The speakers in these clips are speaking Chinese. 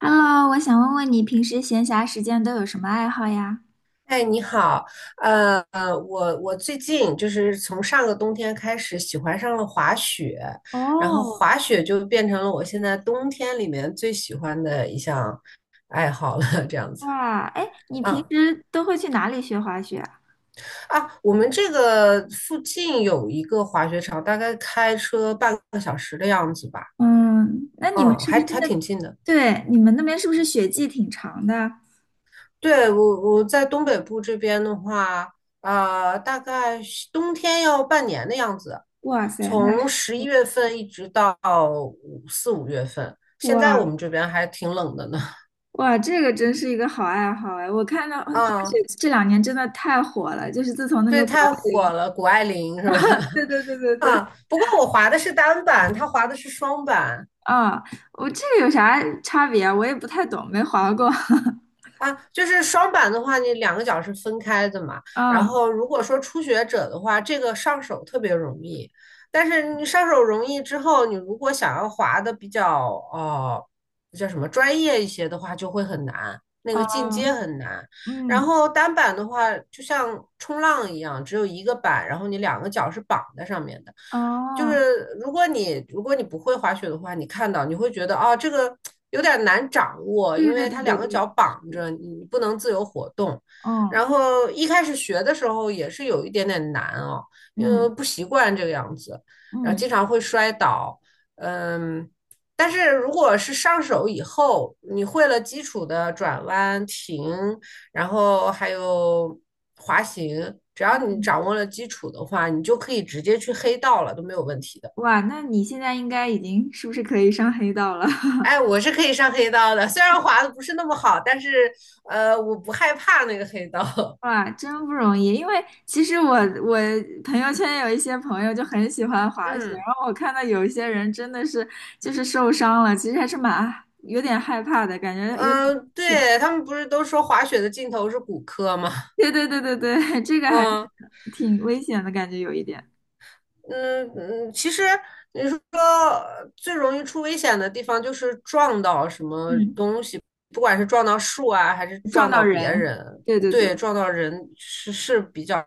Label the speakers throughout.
Speaker 1: Hello，我想问问你平时闲暇时间都有什么爱好呀？
Speaker 2: 哎，你好，呃，我最近就是从上个冬天开始喜欢上了滑雪，然后
Speaker 1: 哦，
Speaker 2: 滑雪就变成了我现在冬天里面最喜欢的一项 爱好了，这样子。
Speaker 1: 哇，哎，你平
Speaker 2: 啊
Speaker 1: 时都会去哪里学滑雪啊？
Speaker 2: 啊，我们这个附近有一个滑雪场，大概开车半个小时的样子吧。
Speaker 1: 嗯，那你们
Speaker 2: 嗯，
Speaker 1: 是不
Speaker 2: 还
Speaker 1: 是
Speaker 2: 还
Speaker 1: 那，
Speaker 2: 挺近的。
Speaker 1: 对，你们那边是不是雪季挺长的？
Speaker 2: 对，我在东北部这边的话，大概是冬天要半年的样子，
Speaker 1: 哇塞，那
Speaker 2: 从
Speaker 1: 是
Speaker 2: 11月份一直到5月份。现在
Speaker 1: 哇
Speaker 2: 我们这边还挺冷的呢。
Speaker 1: 哇，这个真是一个好爱好哎！我看到滑雪
Speaker 2: 啊，
Speaker 1: 这两年真的太火了，就是自从那
Speaker 2: 对，
Speaker 1: 个谷爱
Speaker 2: 太火
Speaker 1: 凌，
Speaker 2: 了，谷爱凌是吧？
Speaker 1: 对对对对 对，
Speaker 2: 啊，不过我滑的是单板，她滑的是双板。
Speaker 1: 啊、我这个有啥差别啊？我也不太懂，没滑过。
Speaker 2: 啊，就是双板的话，你两个脚是分开的嘛。然
Speaker 1: 啊，
Speaker 2: 后如果说初学者的话，这个上手特别容易。但是你上手容易之后，你如果想要滑的比较呃叫什么专业一些的话，就会很难，那个进阶
Speaker 1: 哦，
Speaker 2: 很难。然
Speaker 1: 嗯。
Speaker 2: 后单板的话，就像冲浪一样，只有一个板，然后你两个脚是绑在上面的。就
Speaker 1: 哦，
Speaker 2: 是如果你不会滑雪的话，你看到你会觉得啊，这个有点难掌握，因
Speaker 1: 对对
Speaker 2: 为
Speaker 1: 对
Speaker 2: 它
Speaker 1: 对
Speaker 2: 两个
Speaker 1: 对，
Speaker 2: 脚绑
Speaker 1: 是的，
Speaker 2: 着，你不能自由活动。
Speaker 1: 嗯
Speaker 2: 然后一开始学的时候也是有一点点难哦，因为
Speaker 1: 嗯
Speaker 2: 不习惯这个样子，然后
Speaker 1: 嗯
Speaker 2: 经常会摔倒。嗯，但是如果是上手以后，你会了基础的转弯、停，然后还有滑行，只要你
Speaker 1: 嗯，
Speaker 2: 掌握了基础的话，你就可以直接去黑道了，都没有问题的。
Speaker 1: 哇，那你现在应该已经是不是可以上黑道了？
Speaker 2: 哎，我是可以上黑道的，虽然滑的不是那么好，但是我不害怕那个黑道。
Speaker 1: 哇，真不容易，因为其实我朋友圈有一些朋友就很喜欢滑雪，
Speaker 2: 嗯
Speaker 1: 然后我看到有一些人真的是就是受伤了，其实还是蛮有点害怕的，感觉
Speaker 2: 嗯，
Speaker 1: 有点危险。
Speaker 2: 对，他们不是都说滑雪的尽头是骨科吗？
Speaker 1: 对对对对对，这个 还是
Speaker 2: 嗯。
Speaker 1: 挺危险的感觉，有一点，
Speaker 2: 嗯嗯，其实你说最容易出危险的地方就是撞到什么
Speaker 1: 嗯，
Speaker 2: 东西，不管是撞到树啊，还是
Speaker 1: 撞
Speaker 2: 撞
Speaker 1: 到
Speaker 2: 到别
Speaker 1: 人，
Speaker 2: 人，
Speaker 1: 对对对，
Speaker 2: 对，撞到人是比较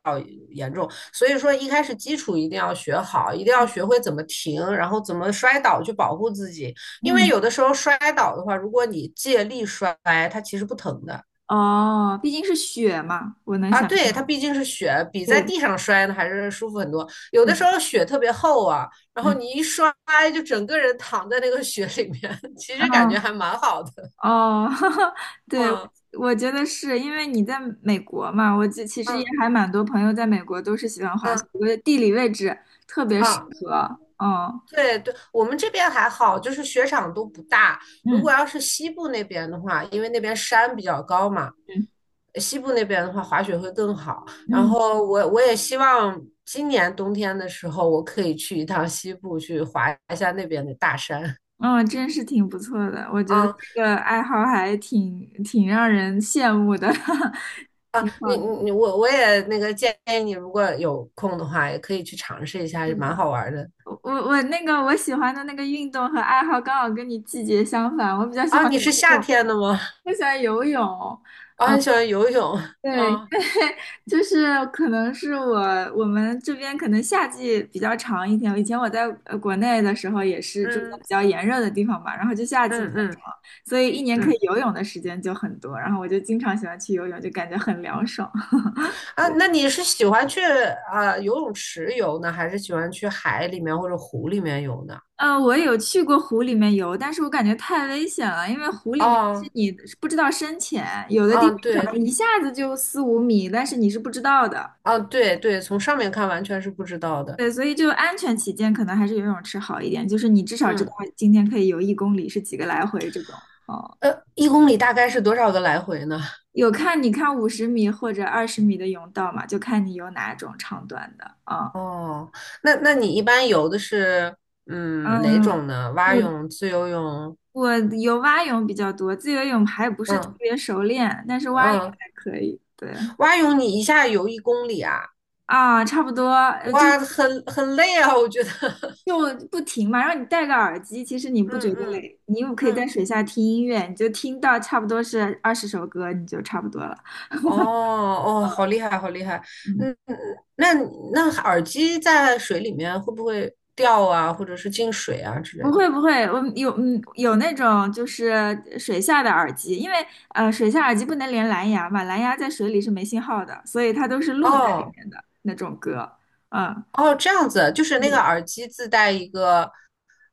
Speaker 2: 严重。所以说一开始基础一定要学好，一定要学会怎么停，然后怎么摔倒去保护自己。因为
Speaker 1: 嗯。
Speaker 2: 有的时候摔倒的话，如果你借力摔，它其实不疼的。
Speaker 1: 哦，毕竟是雪嘛，我能
Speaker 2: 啊，
Speaker 1: 想
Speaker 2: 对，它
Speaker 1: 象。
Speaker 2: 毕竟是雪，比在
Speaker 1: 对，
Speaker 2: 地上摔呢还是舒服很多。有
Speaker 1: 是
Speaker 2: 的时
Speaker 1: 的，
Speaker 2: 候雪特别厚啊，然后
Speaker 1: 嗯，
Speaker 2: 你一摔就整个人躺在那个雪里面，其实感觉还
Speaker 1: 哦
Speaker 2: 蛮好的。
Speaker 1: 哦，哈哈，对，
Speaker 2: 嗯
Speaker 1: 我觉得是因为你在美国嘛，我其实也
Speaker 2: 嗯
Speaker 1: 还蛮多朋友在美国都是喜欢滑
Speaker 2: 嗯
Speaker 1: 雪，我觉得地理位置特别适
Speaker 2: 嗯，
Speaker 1: 合。哦，
Speaker 2: 对对，我们这边还好，就是雪场都不大。如果
Speaker 1: 嗯
Speaker 2: 要是西部那边的话，因为那边山比较高嘛，
Speaker 1: 嗯
Speaker 2: 西部那边的话滑雪会更好。然
Speaker 1: 嗯，
Speaker 2: 后我也希望今年冬天的时候，我可以去一趟西部去滑一下那边的大山。
Speaker 1: 嗯，真是挺不错的，我觉得
Speaker 2: 啊。
Speaker 1: 这个爱好还挺让人羡慕的，
Speaker 2: 啊，
Speaker 1: 挺好
Speaker 2: 你
Speaker 1: 的。
Speaker 2: 你你我也那个建议你，如果有空的话，也可以去尝试一下，也
Speaker 1: 是
Speaker 2: 蛮
Speaker 1: 的，
Speaker 2: 好玩的。
Speaker 1: 我那个我喜欢的那个运动和爱好刚好跟你季节相反，我比较喜
Speaker 2: 啊，
Speaker 1: 欢
Speaker 2: 你
Speaker 1: 游
Speaker 2: 是夏
Speaker 1: 泳，
Speaker 2: 天的吗？
Speaker 1: 我喜欢游泳。
Speaker 2: 啊，很喜欢游泳。
Speaker 1: 对，因为
Speaker 2: 啊，
Speaker 1: 就是可能是我们这边可能夏季比较长一点，以前我在国内的时候也是住在比
Speaker 2: 嗯
Speaker 1: 较炎热的地方嘛，然后就夏季比较
Speaker 2: 嗯嗯
Speaker 1: 长，所以一年可以
Speaker 2: 嗯。
Speaker 1: 游泳的时间就很多，然后我就经常喜欢去游泳，就感觉很凉爽。
Speaker 2: 啊，那你是喜欢去啊游泳池游呢，还是喜欢去海里面或者湖里面游呢？
Speaker 1: 我有去过湖里面游，但是我感觉太危险了，因为湖里面是
Speaker 2: 啊
Speaker 1: 你不知道深浅，有的地
Speaker 2: 啊，
Speaker 1: 方可
Speaker 2: 对
Speaker 1: 能一下子就四五米，但是你是不知道的。
Speaker 2: 啊对对，从上面看完全是不知道的。
Speaker 1: 对，所以就安全起见，可能还是游泳池好一点，就是你至少知道
Speaker 2: 嗯，
Speaker 1: 今天可以游一公里是几个来回这种。哦，
Speaker 2: 一公里大概是多少个来回呢？
Speaker 1: 有看你看五十米或者二十米的泳道嘛，就看你游哪种长短的啊。
Speaker 2: 哦，那你一般游的是哪
Speaker 1: 嗯，
Speaker 2: 种呢？蛙
Speaker 1: 我
Speaker 2: 泳、自由泳？
Speaker 1: 我游蛙泳比较多，自由泳还不是特
Speaker 2: 嗯
Speaker 1: 别熟练，但是蛙泳
Speaker 2: 嗯，
Speaker 1: 还可以。对。
Speaker 2: 蛙泳你一下游一公里啊？
Speaker 1: 啊，差不多，就
Speaker 2: 哇，很累啊，我觉得。
Speaker 1: 就不停嘛，然后你戴个耳机，其实你不觉
Speaker 2: 嗯
Speaker 1: 得
Speaker 2: 嗯
Speaker 1: 累，你又可以在
Speaker 2: 嗯，
Speaker 1: 水下听音乐，你就听到差不多是二十首歌，你就差不多了。
Speaker 2: 哦哦，好厉害，好厉害。
Speaker 1: 嗯，
Speaker 2: 嗯，嗯那那耳机在水里面会不会掉啊，或者是进水啊之
Speaker 1: 不
Speaker 2: 类的？
Speaker 1: 会不会，我有那种就是水下的耳机，因为水下耳机不能连蓝牙嘛，蓝牙在水里是没信号的，所以它都是录在里
Speaker 2: 哦
Speaker 1: 面的那种歌。嗯，
Speaker 2: 哦，这样子，就是那个耳机自带一个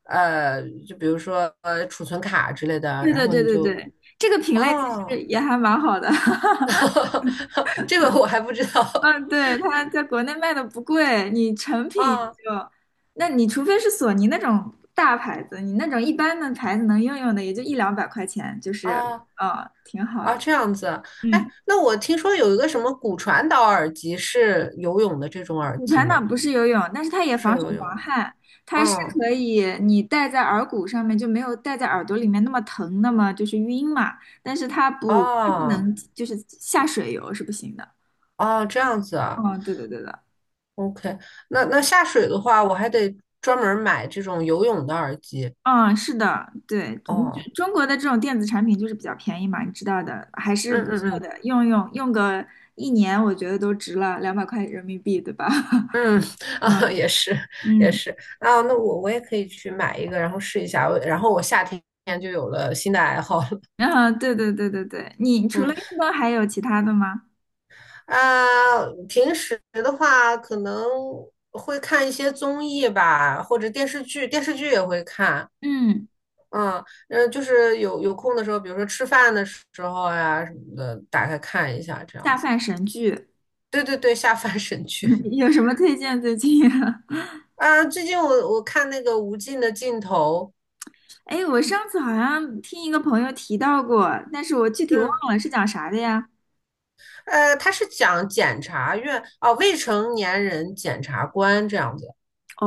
Speaker 2: 呃，就比如说储存卡之类的，
Speaker 1: 对
Speaker 2: 然
Speaker 1: 对
Speaker 2: 后
Speaker 1: 对
Speaker 2: 你
Speaker 1: 对
Speaker 2: 就
Speaker 1: 对，这个品类其实
Speaker 2: 哦，
Speaker 1: 也还蛮好的。
Speaker 2: 这个我还不知道。
Speaker 1: 嗯，对，它在国内卖的不贵，你成品也
Speaker 2: 啊
Speaker 1: 就，那你除非是索尼那种大牌子，你那种一般的牌子能用用的也就一两百块钱，就是，
Speaker 2: 啊
Speaker 1: 嗯，挺好
Speaker 2: 啊！
Speaker 1: 的。
Speaker 2: 这样子。哎，
Speaker 1: 嗯，
Speaker 2: 那我听说有一个什么骨传导耳机是游泳的这种耳
Speaker 1: 骨
Speaker 2: 机
Speaker 1: 传导
Speaker 2: 吗？
Speaker 1: 不是游泳，但是它也
Speaker 2: 不是
Speaker 1: 防
Speaker 2: 游
Speaker 1: 水防
Speaker 2: 泳。
Speaker 1: 汗，它是
Speaker 2: 嗯，
Speaker 1: 可以你戴在耳骨上面就没有戴在耳朵里面那么疼，那么就是晕嘛。但是它不，它不
Speaker 2: 哦，
Speaker 1: 能就是下水游是不行的。
Speaker 2: 哦，这样子啊。
Speaker 1: 哦，对的对的，
Speaker 2: OK，那下水的话，我还得专门买这种游泳的耳机。
Speaker 1: 嗯，是的，对，就
Speaker 2: 哦，
Speaker 1: 中国的这种电子产品就是比较便宜嘛，你知道的，还是不
Speaker 2: 嗯嗯
Speaker 1: 错
Speaker 2: 嗯。
Speaker 1: 的，用个一年，我觉得都值了，两百块人民币，对吧？
Speaker 2: 嗯，啊，
Speaker 1: 嗯
Speaker 2: 也是，也
Speaker 1: 嗯，
Speaker 2: 是，啊，那我也可以去买一个，然后试一下，然后我夏天就有了新的爱好了。
Speaker 1: 然后对对对对对，你除
Speaker 2: 嗯。
Speaker 1: 了运动还有其他的吗？
Speaker 2: 啊，平时的话可能会看一些综艺吧，或者电视剧，电视剧也会看。
Speaker 1: 嗯，
Speaker 2: 嗯，就是有空的时候，比如说吃饭的时候呀什么的，打开看一下这样
Speaker 1: 下
Speaker 2: 子。
Speaker 1: 饭神剧
Speaker 2: 对对对，下饭神剧
Speaker 1: 有什么推荐最近啊？
Speaker 2: 啊！最近我看那个《无尽的尽头》，
Speaker 1: 哎，我上次好像听一个朋友提到过，但是我具体忘
Speaker 2: 嗯，
Speaker 1: 了是讲啥的呀？
Speaker 2: 它是讲检察院啊，未成年人检察官这样子。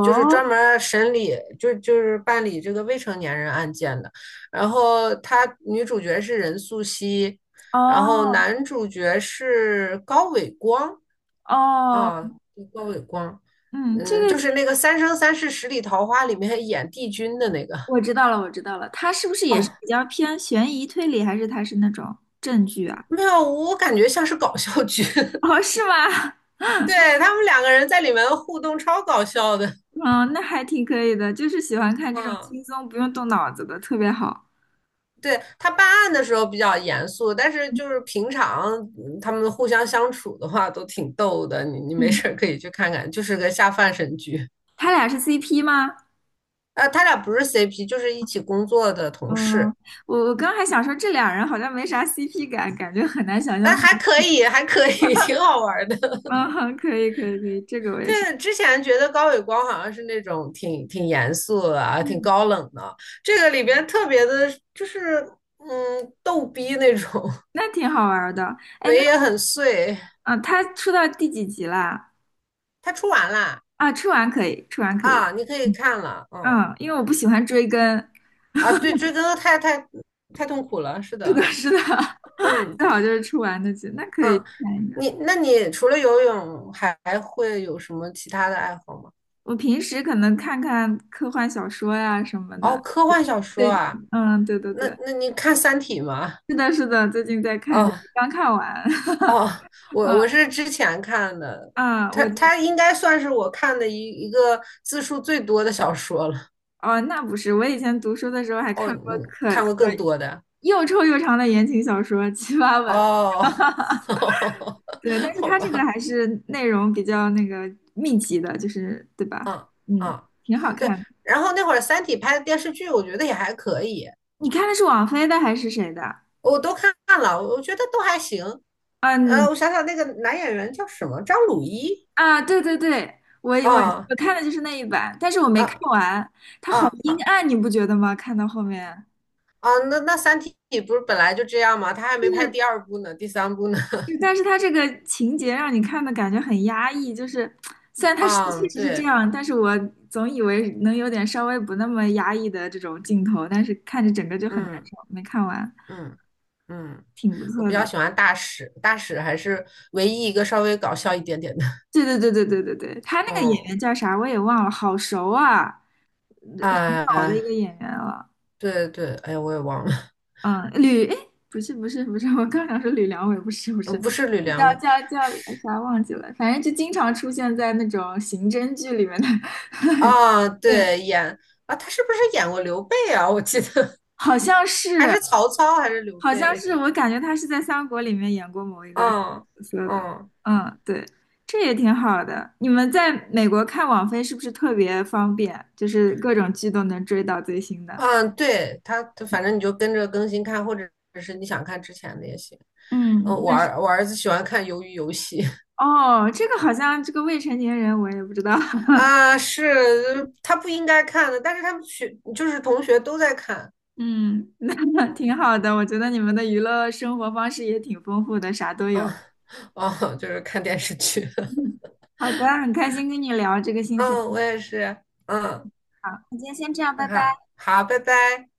Speaker 2: 就是专门审理，就是办理这个未成年人案件的。然后他女主角是任素汐，然后
Speaker 1: 哦
Speaker 2: 男主角是高伟光
Speaker 1: 哦，
Speaker 2: 啊，高伟光，
Speaker 1: 嗯，这
Speaker 2: 嗯，就
Speaker 1: 个
Speaker 2: 是那个《三生三世十里桃花》里面演帝君的那个。
Speaker 1: 我知道了，我知道了，他是不是也是
Speaker 2: 哦，
Speaker 1: 比较偏悬疑推理，还是他是那种证据啊？
Speaker 2: 没有，我感觉像是搞笑剧。
Speaker 1: 哦，是吗？
Speaker 2: 对，他们两个人在里面互动超搞笑的。
Speaker 1: 嗯，那还挺可以的，就是喜欢看这种
Speaker 2: 嗯。
Speaker 1: 轻松不用动脑子的，特别好。
Speaker 2: 对他办案的时候比较严肃，但是
Speaker 1: 嗯，
Speaker 2: 就是平常他们互相相处的话都挺逗的，你没
Speaker 1: 嗯
Speaker 2: 事可以去看看，就是个下饭神剧。
Speaker 1: 他俩是 CP 吗？
Speaker 2: 啊。他俩不是 CP，就是一起工作的同
Speaker 1: 嗯，
Speaker 2: 事。
Speaker 1: 我刚还想说这俩人好像没啥 CP 感，感觉很难想象
Speaker 2: 哎，
Speaker 1: 他
Speaker 2: 还
Speaker 1: 们。
Speaker 2: 可以，还可以，挺好玩的。
Speaker 1: 嗯，哼可以可以可以，这个我也是。
Speaker 2: 对，之前觉得高伟光好像是那种挺严肃的啊，挺
Speaker 1: 嗯，
Speaker 2: 高冷的，这个里边特别的，就是逗逼那种，
Speaker 1: 那挺好玩儿的。哎，
Speaker 2: 嘴
Speaker 1: 那
Speaker 2: 也很碎。
Speaker 1: 啊，他出到第几集啦？
Speaker 2: 他出完了
Speaker 1: 啊，出完可以，出完可以。
Speaker 2: 啊，你可以看了，嗯。
Speaker 1: 嗯，因为我不喜欢追更，
Speaker 2: 啊，对，追根太痛苦了，是
Speaker 1: 是的，
Speaker 2: 的，
Speaker 1: 是的，
Speaker 2: 嗯
Speaker 1: 最好就是出完的剧，那可以
Speaker 2: 嗯，
Speaker 1: 看一下。
Speaker 2: 那你除了游泳，还会有什么其他的爱好吗？
Speaker 1: 我平时可能看看科幻小说呀什么
Speaker 2: 哦，
Speaker 1: 的。
Speaker 2: 科幻小说
Speaker 1: 最近，
Speaker 2: 啊，
Speaker 1: 嗯，对对
Speaker 2: 那
Speaker 1: 对，
Speaker 2: 那你看《三体》吗？
Speaker 1: 是的，是的，最近在看这个，
Speaker 2: 哦
Speaker 1: 刚看完。
Speaker 2: 哦，我是之前看的，
Speaker 1: 啊，
Speaker 2: 它它应该算是我看的一个字数最多的小说了。
Speaker 1: 哦，那不是，我以前读书的时候还
Speaker 2: 哦，
Speaker 1: 看过
Speaker 2: 你看过更多的
Speaker 1: 又臭又长的言情小说，七八本的。
Speaker 2: 哦，
Speaker 1: 对，但 是
Speaker 2: 好
Speaker 1: 它这个
Speaker 2: 吧，
Speaker 1: 还是内容比较那个密集的，就是对吧？
Speaker 2: 嗯
Speaker 1: 嗯，
Speaker 2: 嗯，
Speaker 1: 挺好
Speaker 2: 对。
Speaker 1: 看的。
Speaker 2: 然后那会儿《三体》拍的电视剧，我觉得也还可以，
Speaker 1: 你看的是王菲的还是谁的？
Speaker 2: 我都看了，我觉得都还行。
Speaker 1: 嗯，
Speaker 2: 我想想，那个男演员叫什么？张鲁一？
Speaker 1: 啊，对对对，我我
Speaker 2: 啊
Speaker 1: 我看的就是那一版，但是我没看
Speaker 2: 啊
Speaker 1: 完，它好
Speaker 2: 啊
Speaker 1: 阴
Speaker 2: 啊！
Speaker 1: 暗，你不觉得吗？看到后面，
Speaker 2: 啊，那《三体》不是本来就这样吗？他还
Speaker 1: 就
Speaker 2: 没拍
Speaker 1: 是
Speaker 2: 第二部呢，第三部呢。
Speaker 1: 就，但是它这个情节让你看的感觉很压抑，就是虽然它是确
Speaker 2: 嗯，
Speaker 1: 实是这
Speaker 2: 对，
Speaker 1: 样，但是我总以为能有点稍微不那么压抑的这种镜头，但是看着整个就很难
Speaker 2: 嗯
Speaker 1: 受，没看完，
Speaker 2: 嗯嗯，
Speaker 1: 挺不
Speaker 2: 我
Speaker 1: 错
Speaker 2: 比较
Speaker 1: 的。
Speaker 2: 喜欢大使，大使还是唯一一个稍微搞笑一点点的。
Speaker 1: 对对对对对对对，他那个演
Speaker 2: 哦，
Speaker 1: 员叫啥我也忘了，好熟啊，老的一
Speaker 2: 啊、
Speaker 1: 个演员了。
Speaker 2: 对对，哎呀，我也忘了，
Speaker 1: 嗯，哎，不是不是不是，我刚想说吕良伟，不是不是，
Speaker 2: 不是吕良
Speaker 1: 叫
Speaker 2: 伟。
Speaker 1: 叫叫啥忘记了，反正就经常出现在那种刑侦剧里面的，
Speaker 2: 啊，
Speaker 1: 对，
Speaker 2: 对，演啊，他是不是演过刘备啊？我记得
Speaker 1: 好像
Speaker 2: 还
Speaker 1: 是，
Speaker 2: 是曹操还是刘
Speaker 1: 好像
Speaker 2: 备？
Speaker 1: 是，我感觉他是在《三国》里面演过某一个角
Speaker 2: 嗯
Speaker 1: 色的，
Speaker 2: 嗯
Speaker 1: 嗯，对，这也挺好的。你们在美国看网飞是不是特别方便？就是各种剧都能追到最新的。
Speaker 2: 嗯，对他，他反正你就跟着更新看，或者是你想看之前的也行。嗯，
Speaker 1: 嗯，
Speaker 2: 我
Speaker 1: 那是。
Speaker 2: 儿我儿子喜欢看《鱿鱼游戏》
Speaker 1: 哦，这个好像这个未成年人我也不知道。
Speaker 2: 啊，是他不应该看的，但是他们就是同学都在看
Speaker 1: 嗯，那挺好的，我觉得你们的娱乐生活方式也挺丰富的，啥都有。
Speaker 2: 啊哦，就是看电视剧。
Speaker 1: 嗯好的，很开心跟你聊这个心情
Speaker 2: 嗯，我也是。嗯，
Speaker 1: 爱好，那今天先这样，
Speaker 2: 那
Speaker 1: 拜拜。
Speaker 2: 好，好，拜拜。